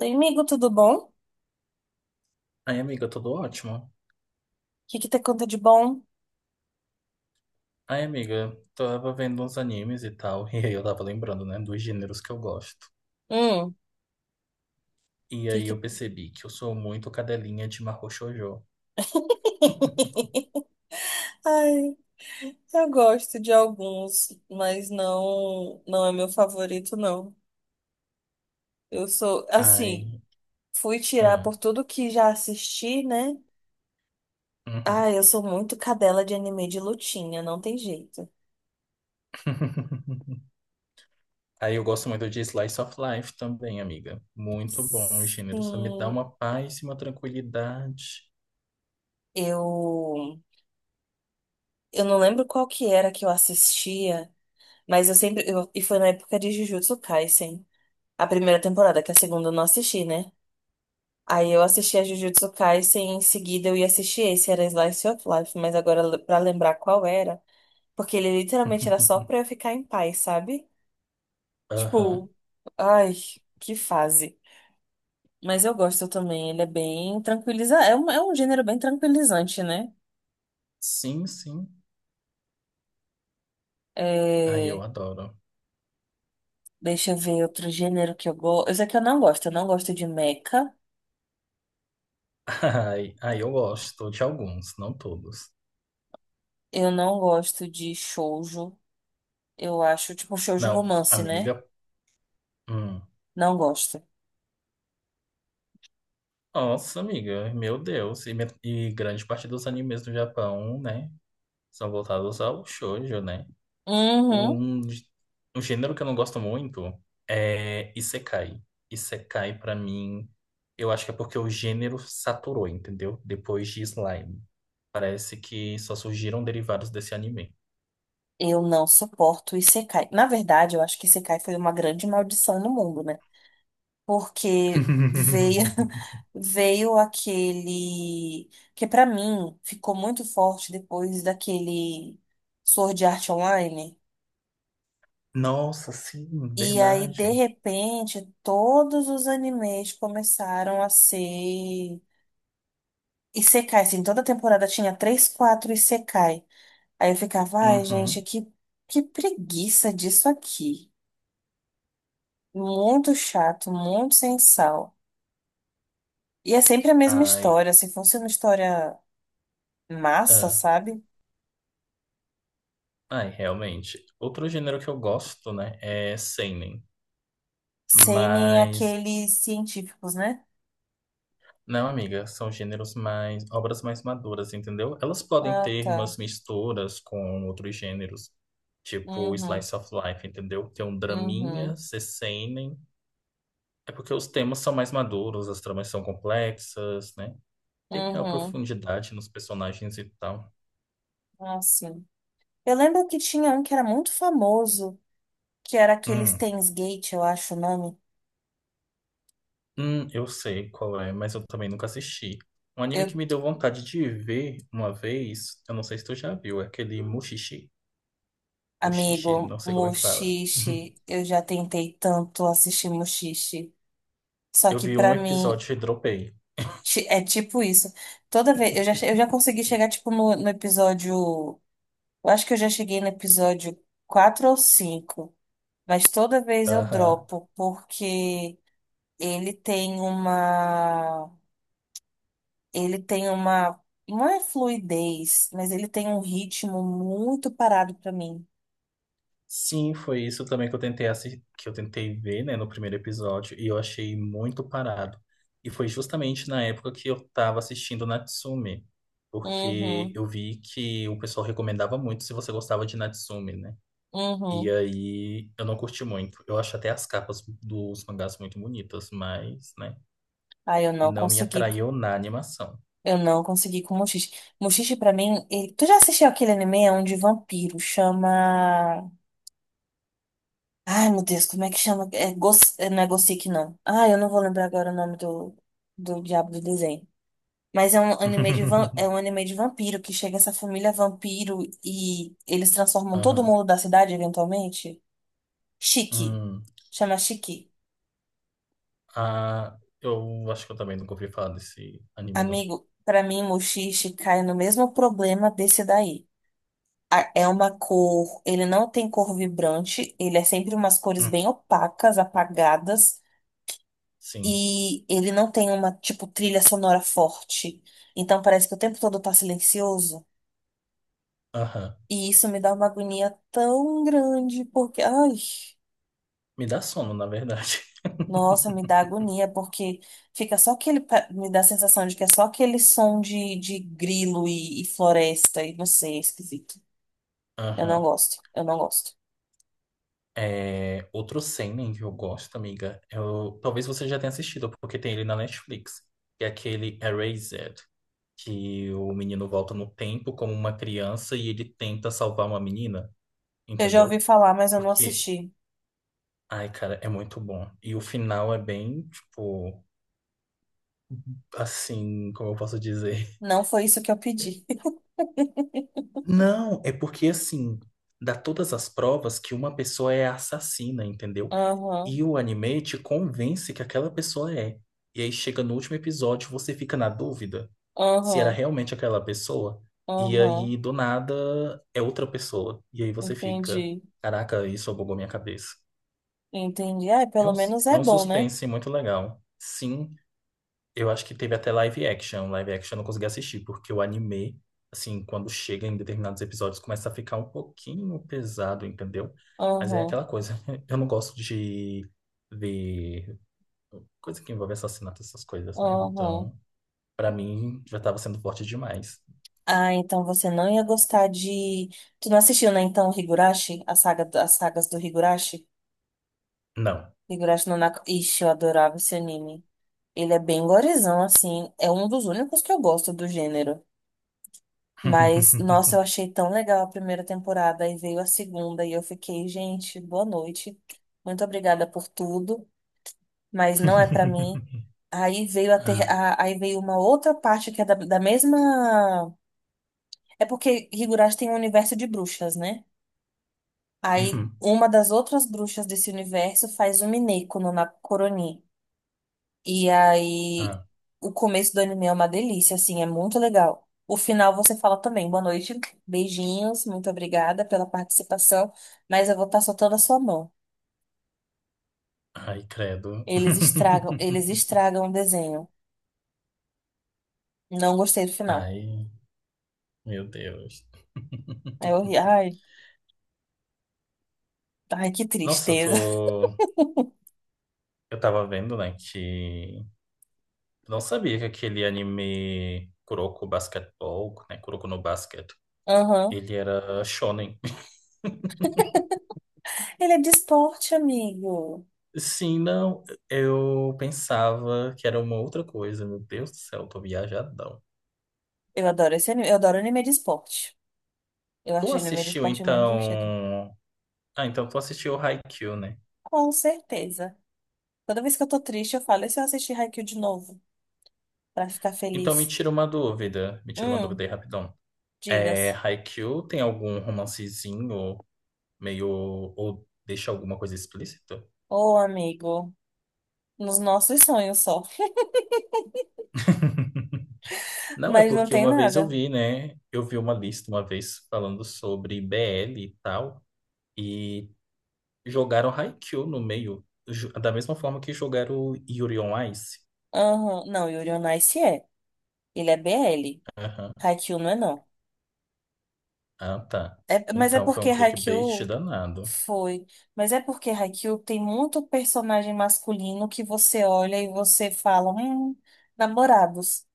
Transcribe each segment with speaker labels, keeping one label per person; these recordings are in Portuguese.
Speaker 1: Oi, amigo, tudo bom? O
Speaker 2: Ai, amiga, tudo ótimo.
Speaker 1: que te conta de bom?
Speaker 2: Ai, amiga, tava vendo uns animes e tal, e aí eu tava lembrando, né, dos gêneros que eu gosto.
Speaker 1: Hum,
Speaker 2: E aí
Speaker 1: que...
Speaker 2: eu percebi que eu sou muito cadelinha de Mahou Shoujo.
Speaker 1: Ai, eu gosto de alguns, mas não é meu favorito, não. Eu sou, assim,
Speaker 2: Ai,
Speaker 1: fui tirar
Speaker 2: ah,
Speaker 1: por tudo que já assisti, né?
Speaker 2: uhum.
Speaker 1: Ah, eu sou muito cadela de anime de lutinha, não tem jeito.
Speaker 2: Aí eu gosto muito de Slice of Life também, amiga. Muito bom o gênero, só me dá
Speaker 1: Sim,
Speaker 2: uma paz e uma tranquilidade.
Speaker 1: eu, eu não lembro qual que era que eu assistia, mas eu sempre, e foi na época de Jujutsu Kaisen. A primeira temporada, que a segunda eu não assisti, né? Aí eu assisti a Jujutsu Kaisen, em seguida eu ia assistir esse, era Slice of Life, mas agora pra lembrar qual era, porque ele literalmente era só pra eu ficar em paz, sabe?
Speaker 2: Aham.
Speaker 1: Tipo, ai, que fase. Mas eu gosto também, ele é bem tranquilizante, é um gênero bem tranquilizante, né?
Speaker 2: Sim, sim. Ai,
Speaker 1: É,
Speaker 2: eu adoro.
Speaker 1: deixa eu ver outro gênero que eu gosto. Eu sei que eu não gosto de mecha,
Speaker 2: Ai, ai, eu gosto de alguns, não todos.
Speaker 1: eu não gosto de shoujo, eu acho, tipo, shoujo
Speaker 2: Não,
Speaker 1: romance, né?
Speaker 2: amiga. Hum.
Speaker 1: Não gosto.
Speaker 2: Nossa, amiga, meu Deus. E, e grande parte dos animes do Japão, né? São voltados ao shoujo, né?
Speaker 1: Uhum.
Speaker 2: Um, gê- Um gênero que eu não gosto muito é Isekai. Isekai, pra mim, eu acho que é porque o gênero saturou, entendeu? Depois de Slime. Parece que só surgiram derivados desse anime.
Speaker 1: Eu não suporto o Isekai. Na verdade, eu acho que Isekai foi uma grande maldição no mundo, né? Porque veio veio aquele que pra mim ficou muito forte depois daquele Sword Art Online.
Speaker 2: Nossa, sim,
Speaker 1: E aí, de
Speaker 2: verdade.
Speaker 1: repente, todos os animes começaram a ser Isekai, assim, toda temporada tinha três, quatro Isekai. Aí eu ficava, ai, gente,
Speaker 2: Uhum.
Speaker 1: que preguiça disso aqui. Muito chato, muito sem sal. E é sempre a mesma
Speaker 2: Ai,
Speaker 1: história. Se fosse uma história massa,
Speaker 2: ah,
Speaker 1: sabe?
Speaker 2: ai, realmente. Outro gênero que eu gosto, né, é seinen.
Speaker 1: Sem nem
Speaker 2: Mas,
Speaker 1: aqueles científicos, né?
Speaker 2: não, amiga, são gêneros mais, obras mais maduras, entendeu? Elas podem
Speaker 1: Ah,
Speaker 2: ter
Speaker 1: tá.
Speaker 2: umas misturas com outros gêneros, tipo
Speaker 1: Uhum,
Speaker 2: Slice of Life, entendeu? Tem um
Speaker 1: uhum,
Speaker 2: draminha, seinen. É porque os temas são mais maduros, as tramas são complexas, né? Tem maior
Speaker 1: uhum.
Speaker 2: profundidade nos personagens e tal.
Speaker 1: Ah, sim. Eu lembro que tinha um que era muito famoso, que era aquele
Speaker 2: Hum,
Speaker 1: Steins Gate, eu acho o nome.
Speaker 2: eu sei qual é, mas eu também nunca assisti. Um anime que
Speaker 1: Eu,
Speaker 2: me deu vontade de ver uma vez, eu não sei se tu já viu, é aquele Mushishi. Um xixi,
Speaker 1: amigo,
Speaker 2: não sei como é que fala.
Speaker 1: Mushishi, eu já tentei tanto assistir Mushishi. Só
Speaker 2: Eu
Speaker 1: que
Speaker 2: vi um
Speaker 1: pra mim,
Speaker 2: episódio e dropei.
Speaker 1: É tipo isso. Toda vez. Eu já consegui chegar, tipo, no, no episódio. Eu acho que eu já cheguei no episódio 4 ou cinco. Mas toda vez eu
Speaker 2: Aham.
Speaker 1: dropo, porque ele tem uma. ele tem uma. Não é fluidez, mas ele tem um ritmo muito parado pra mim.
Speaker 2: Sim, foi isso também que eu que eu tentei ver, né, no primeiro episódio, e eu achei muito parado. E foi justamente na época que eu tava assistindo Natsume, porque
Speaker 1: Uhum,
Speaker 2: eu vi que o pessoal recomendava muito se você gostava de Natsume, né? E
Speaker 1: uhum.
Speaker 2: aí eu não curti muito. Eu acho até as capas dos mangás muito bonitas, mas, né,
Speaker 1: Aí eu não
Speaker 2: não me
Speaker 1: consegui.
Speaker 2: atraiu na animação.
Speaker 1: Eu não consegui com o Mushishi. Tu já assistiu aquele anime? É um de vampiro. Chama. Ai, meu Deus, como é que chama? Não é Gothic, não. Ah, eu não vou lembrar agora o nome do, do diabo do desenho. Mas é um anime de vampiro que chega essa família vampiro e eles transformam todo
Speaker 2: Aham.
Speaker 1: mundo da cidade eventualmente. Chique.
Speaker 2: Hum.
Speaker 1: Chama Chique.
Speaker 2: Ah, eu acho que eu também nunca ouvi falar desse anime, não.
Speaker 1: Amigo, pra mim, Mushishi cai no mesmo problema desse daí. É uma cor, ele não tem cor vibrante, ele é sempre umas cores
Speaker 2: Hum,
Speaker 1: bem opacas, apagadas.
Speaker 2: sim.
Speaker 1: E ele não tem uma, tipo, trilha sonora forte. Então parece que o tempo todo tá silencioso.
Speaker 2: Aham.
Speaker 1: E isso me dá uma agonia tão grande, porque, ai,
Speaker 2: Me dá sono, na verdade.
Speaker 1: nossa, me dá agonia, porque fica só aquele, me dá a sensação de que é só aquele som de grilo e floresta, e não sei, é esquisito. Eu não
Speaker 2: Aham.
Speaker 1: gosto, eu não gosto.
Speaker 2: É, outro seinen que eu gosto, amiga. Eu, talvez você já tenha assistido, porque tem ele na Netflix. Que é aquele Erased, que o menino volta no tempo como uma criança e ele tenta salvar uma menina,
Speaker 1: Eu já ouvi
Speaker 2: entendeu?
Speaker 1: falar, mas eu não
Speaker 2: Porque,
Speaker 1: assisti.
Speaker 2: ai, cara, é muito bom. E o final é bem, tipo, assim, como eu posso dizer?
Speaker 1: Não foi isso que eu pedi.
Speaker 2: Não, é porque assim, dá todas as provas que uma pessoa é assassina, entendeu? E
Speaker 1: Aham,
Speaker 2: o anime te convence que aquela pessoa é. E aí chega no último episódio, você fica na dúvida se era
Speaker 1: aham,
Speaker 2: realmente aquela pessoa. E
Speaker 1: aham.
Speaker 2: aí, do nada, é outra pessoa. E aí você fica,
Speaker 1: Entendi,
Speaker 2: caraca, isso bugou minha cabeça.
Speaker 1: entendi. Ah,
Speaker 2: É
Speaker 1: pelo
Speaker 2: um,
Speaker 1: menos
Speaker 2: é
Speaker 1: é
Speaker 2: um
Speaker 1: bom, né?
Speaker 2: suspense muito legal. Sim, eu acho que teve até live action. Live action eu não consegui assistir, porque o anime, assim, quando chega em determinados episódios, começa a ficar um pouquinho pesado, entendeu? Mas é
Speaker 1: Aham,
Speaker 2: aquela coisa. Eu não gosto de ver coisa que envolve assassinato, essas coisas, né?
Speaker 1: aham.
Speaker 2: Então, pra mim, já tava sendo forte demais.
Speaker 1: Ah, então você não ia gostar de. Tu não assistiu, né? Então, Higurashi? A saga, as sagas do Higurashi?
Speaker 2: Não.
Speaker 1: Higurashi no Naka. Ixi, eu adorava esse anime. Ele é bem gorizão, assim. É um dos únicos que eu gosto do gênero. Mas, nossa, eu achei tão legal a primeira temporada. Aí veio a segunda e eu fiquei, gente, boa noite. Muito obrigada por tudo. Mas não é pra mim. Aí veio a ter,
Speaker 2: Ah,
Speaker 1: a- Aí veio uma outra parte que é da mesma. É porque Higurashi tem um universo de bruxas, né? Aí
Speaker 2: uhum,
Speaker 1: uma das outras bruxas desse universo faz um Mineko no Nakoronin. E aí
Speaker 2: ah,
Speaker 1: o começo do anime é uma delícia, assim, é muito legal. O final você fala também, boa noite, beijinhos, muito obrigada pela participação, mas eu vou estar soltando a sua mão.
Speaker 2: ai, credo.
Speaker 1: Eles estragam o desenho. Não gostei do final.
Speaker 2: Ai, meu Deus.
Speaker 1: É horrível. Ai, que
Speaker 2: Nossa, eu
Speaker 1: tristeza.
Speaker 2: tô. Eu tava vendo, né, que eu não sabia que aquele anime Kuroko Basketball, né, Kuroko no Basket,
Speaker 1: Aham.
Speaker 2: ele era shonen.
Speaker 1: Ele é de esporte, amigo.
Speaker 2: Sim, não, eu pensava que era uma outra coisa. Meu Deus do céu, eu tô viajadão.
Speaker 1: Eu adoro esse anime. Eu adoro anime de esporte. Eu
Speaker 2: Tu
Speaker 1: acho anime de
Speaker 2: assistiu,
Speaker 1: esporte muito divertido.
Speaker 2: então... Ah, então tu assistiu Haikyuu, né?
Speaker 1: Com certeza. Toda vez que eu tô triste, eu falo, e se eu assistir Haikyuu de novo? Pra ficar
Speaker 2: Então me
Speaker 1: feliz.
Speaker 2: tira uma dúvida, me tira uma dúvida
Speaker 1: Hum,
Speaker 2: aí rapidão. É,
Speaker 1: digas.
Speaker 2: Haikyuu tem algum romancezinho meio... ou deixa alguma coisa explícita?
Speaker 1: Ô, amigo. Nos nossos sonhos só.
Speaker 2: Não, é
Speaker 1: Mas não
Speaker 2: porque
Speaker 1: tem
Speaker 2: uma vez eu
Speaker 1: nada.
Speaker 2: vi, né? Eu vi uma lista uma vez falando sobre BL e tal, e jogaram Haikyuu no meio, da mesma forma que jogaram Yuri on Ice.
Speaker 1: Aham. Não, Yuri on Ice é. Ele é BL.
Speaker 2: Aham.
Speaker 1: Haikyuu não é, não.
Speaker 2: Ah, tá.
Speaker 1: É, mas é
Speaker 2: Então foi um
Speaker 1: porque
Speaker 2: clickbait
Speaker 1: Haikyuu.
Speaker 2: danado.
Speaker 1: Foi. Mas é porque Haikyuu tem muito personagem masculino que você olha e você fala, namorados.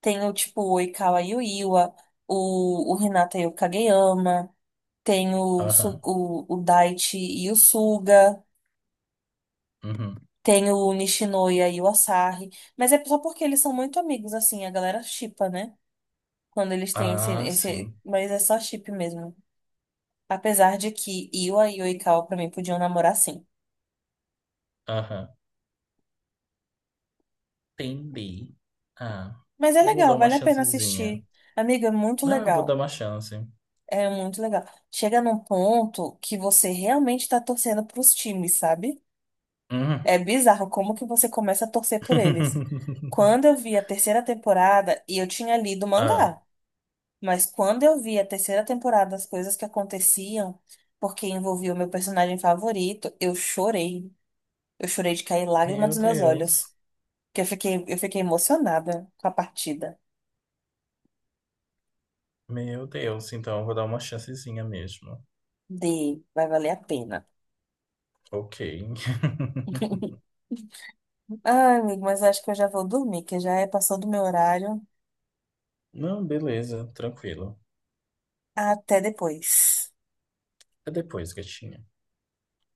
Speaker 1: Tem o tipo o Oikawa Yuiwa, o Hinata e o Kageyama, tem
Speaker 2: Aham.
Speaker 1: o Daichi e o Suga,
Speaker 2: Uhum.
Speaker 1: tem o Nishinoya e o Asahi. Mas é só porque eles são muito amigos, assim, a galera shippa, né? Quando eles têm
Speaker 2: Ah, sim.
Speaker 1: Mas é só chip mesmo. Apesar de que Iwa e Oikawa, pra mim, podiam namorar sim.
Speaker 2: Aham. Entendi. Ah,
Speaker 1: Mas é
Speaker 2: eu vou dar
Speaker 1: legal,
Speaker 2: uma
Speaker 1: vale a pena
Speaker 2: chancezinha.
Speaker 1: assistir. Amiga, é muito
Speaker 2: Não, eu vou dar
Speaker 1: legal.
Speaker 2: uma chance.
Speaker 1: É muito legal. Chega num ponto que você realmente tá torcendo pros times, sabe?
Speaker 2: Uhum.
Speaker 1: É bizarro como que você começa a torcer por eles. Quando eu vi a terceira temporada, e eu tinha lido o
Speaker 2: Ah,
Speaker 1: mangá, mas quando eu vi a terceira temporada, as coisas que aconteciam, porque envolvia o meu personagem favorito, eu chorei. Eu chorei de cair lágrima
Speaker 2: meu
Speaker 1: dos meus
Speaker 2: Deus.
Speaker 1: olhos. Porque eu fiquei emocionada com a partida
Speaker 2: Meu Deus, então eu vou dar uma chancezinha mesmo.
Speaker 1: de Vai Valer a Pena.
Speaker 2: Ok.
Speaker 1: Ai, amigo, mas acho que eu já vou dormir, que já é passou do meu horário.
Speaker 2: Não, beleza, tranquilo.
Speaker 1: Até depois.
Speaker 2: É depois, gatinha.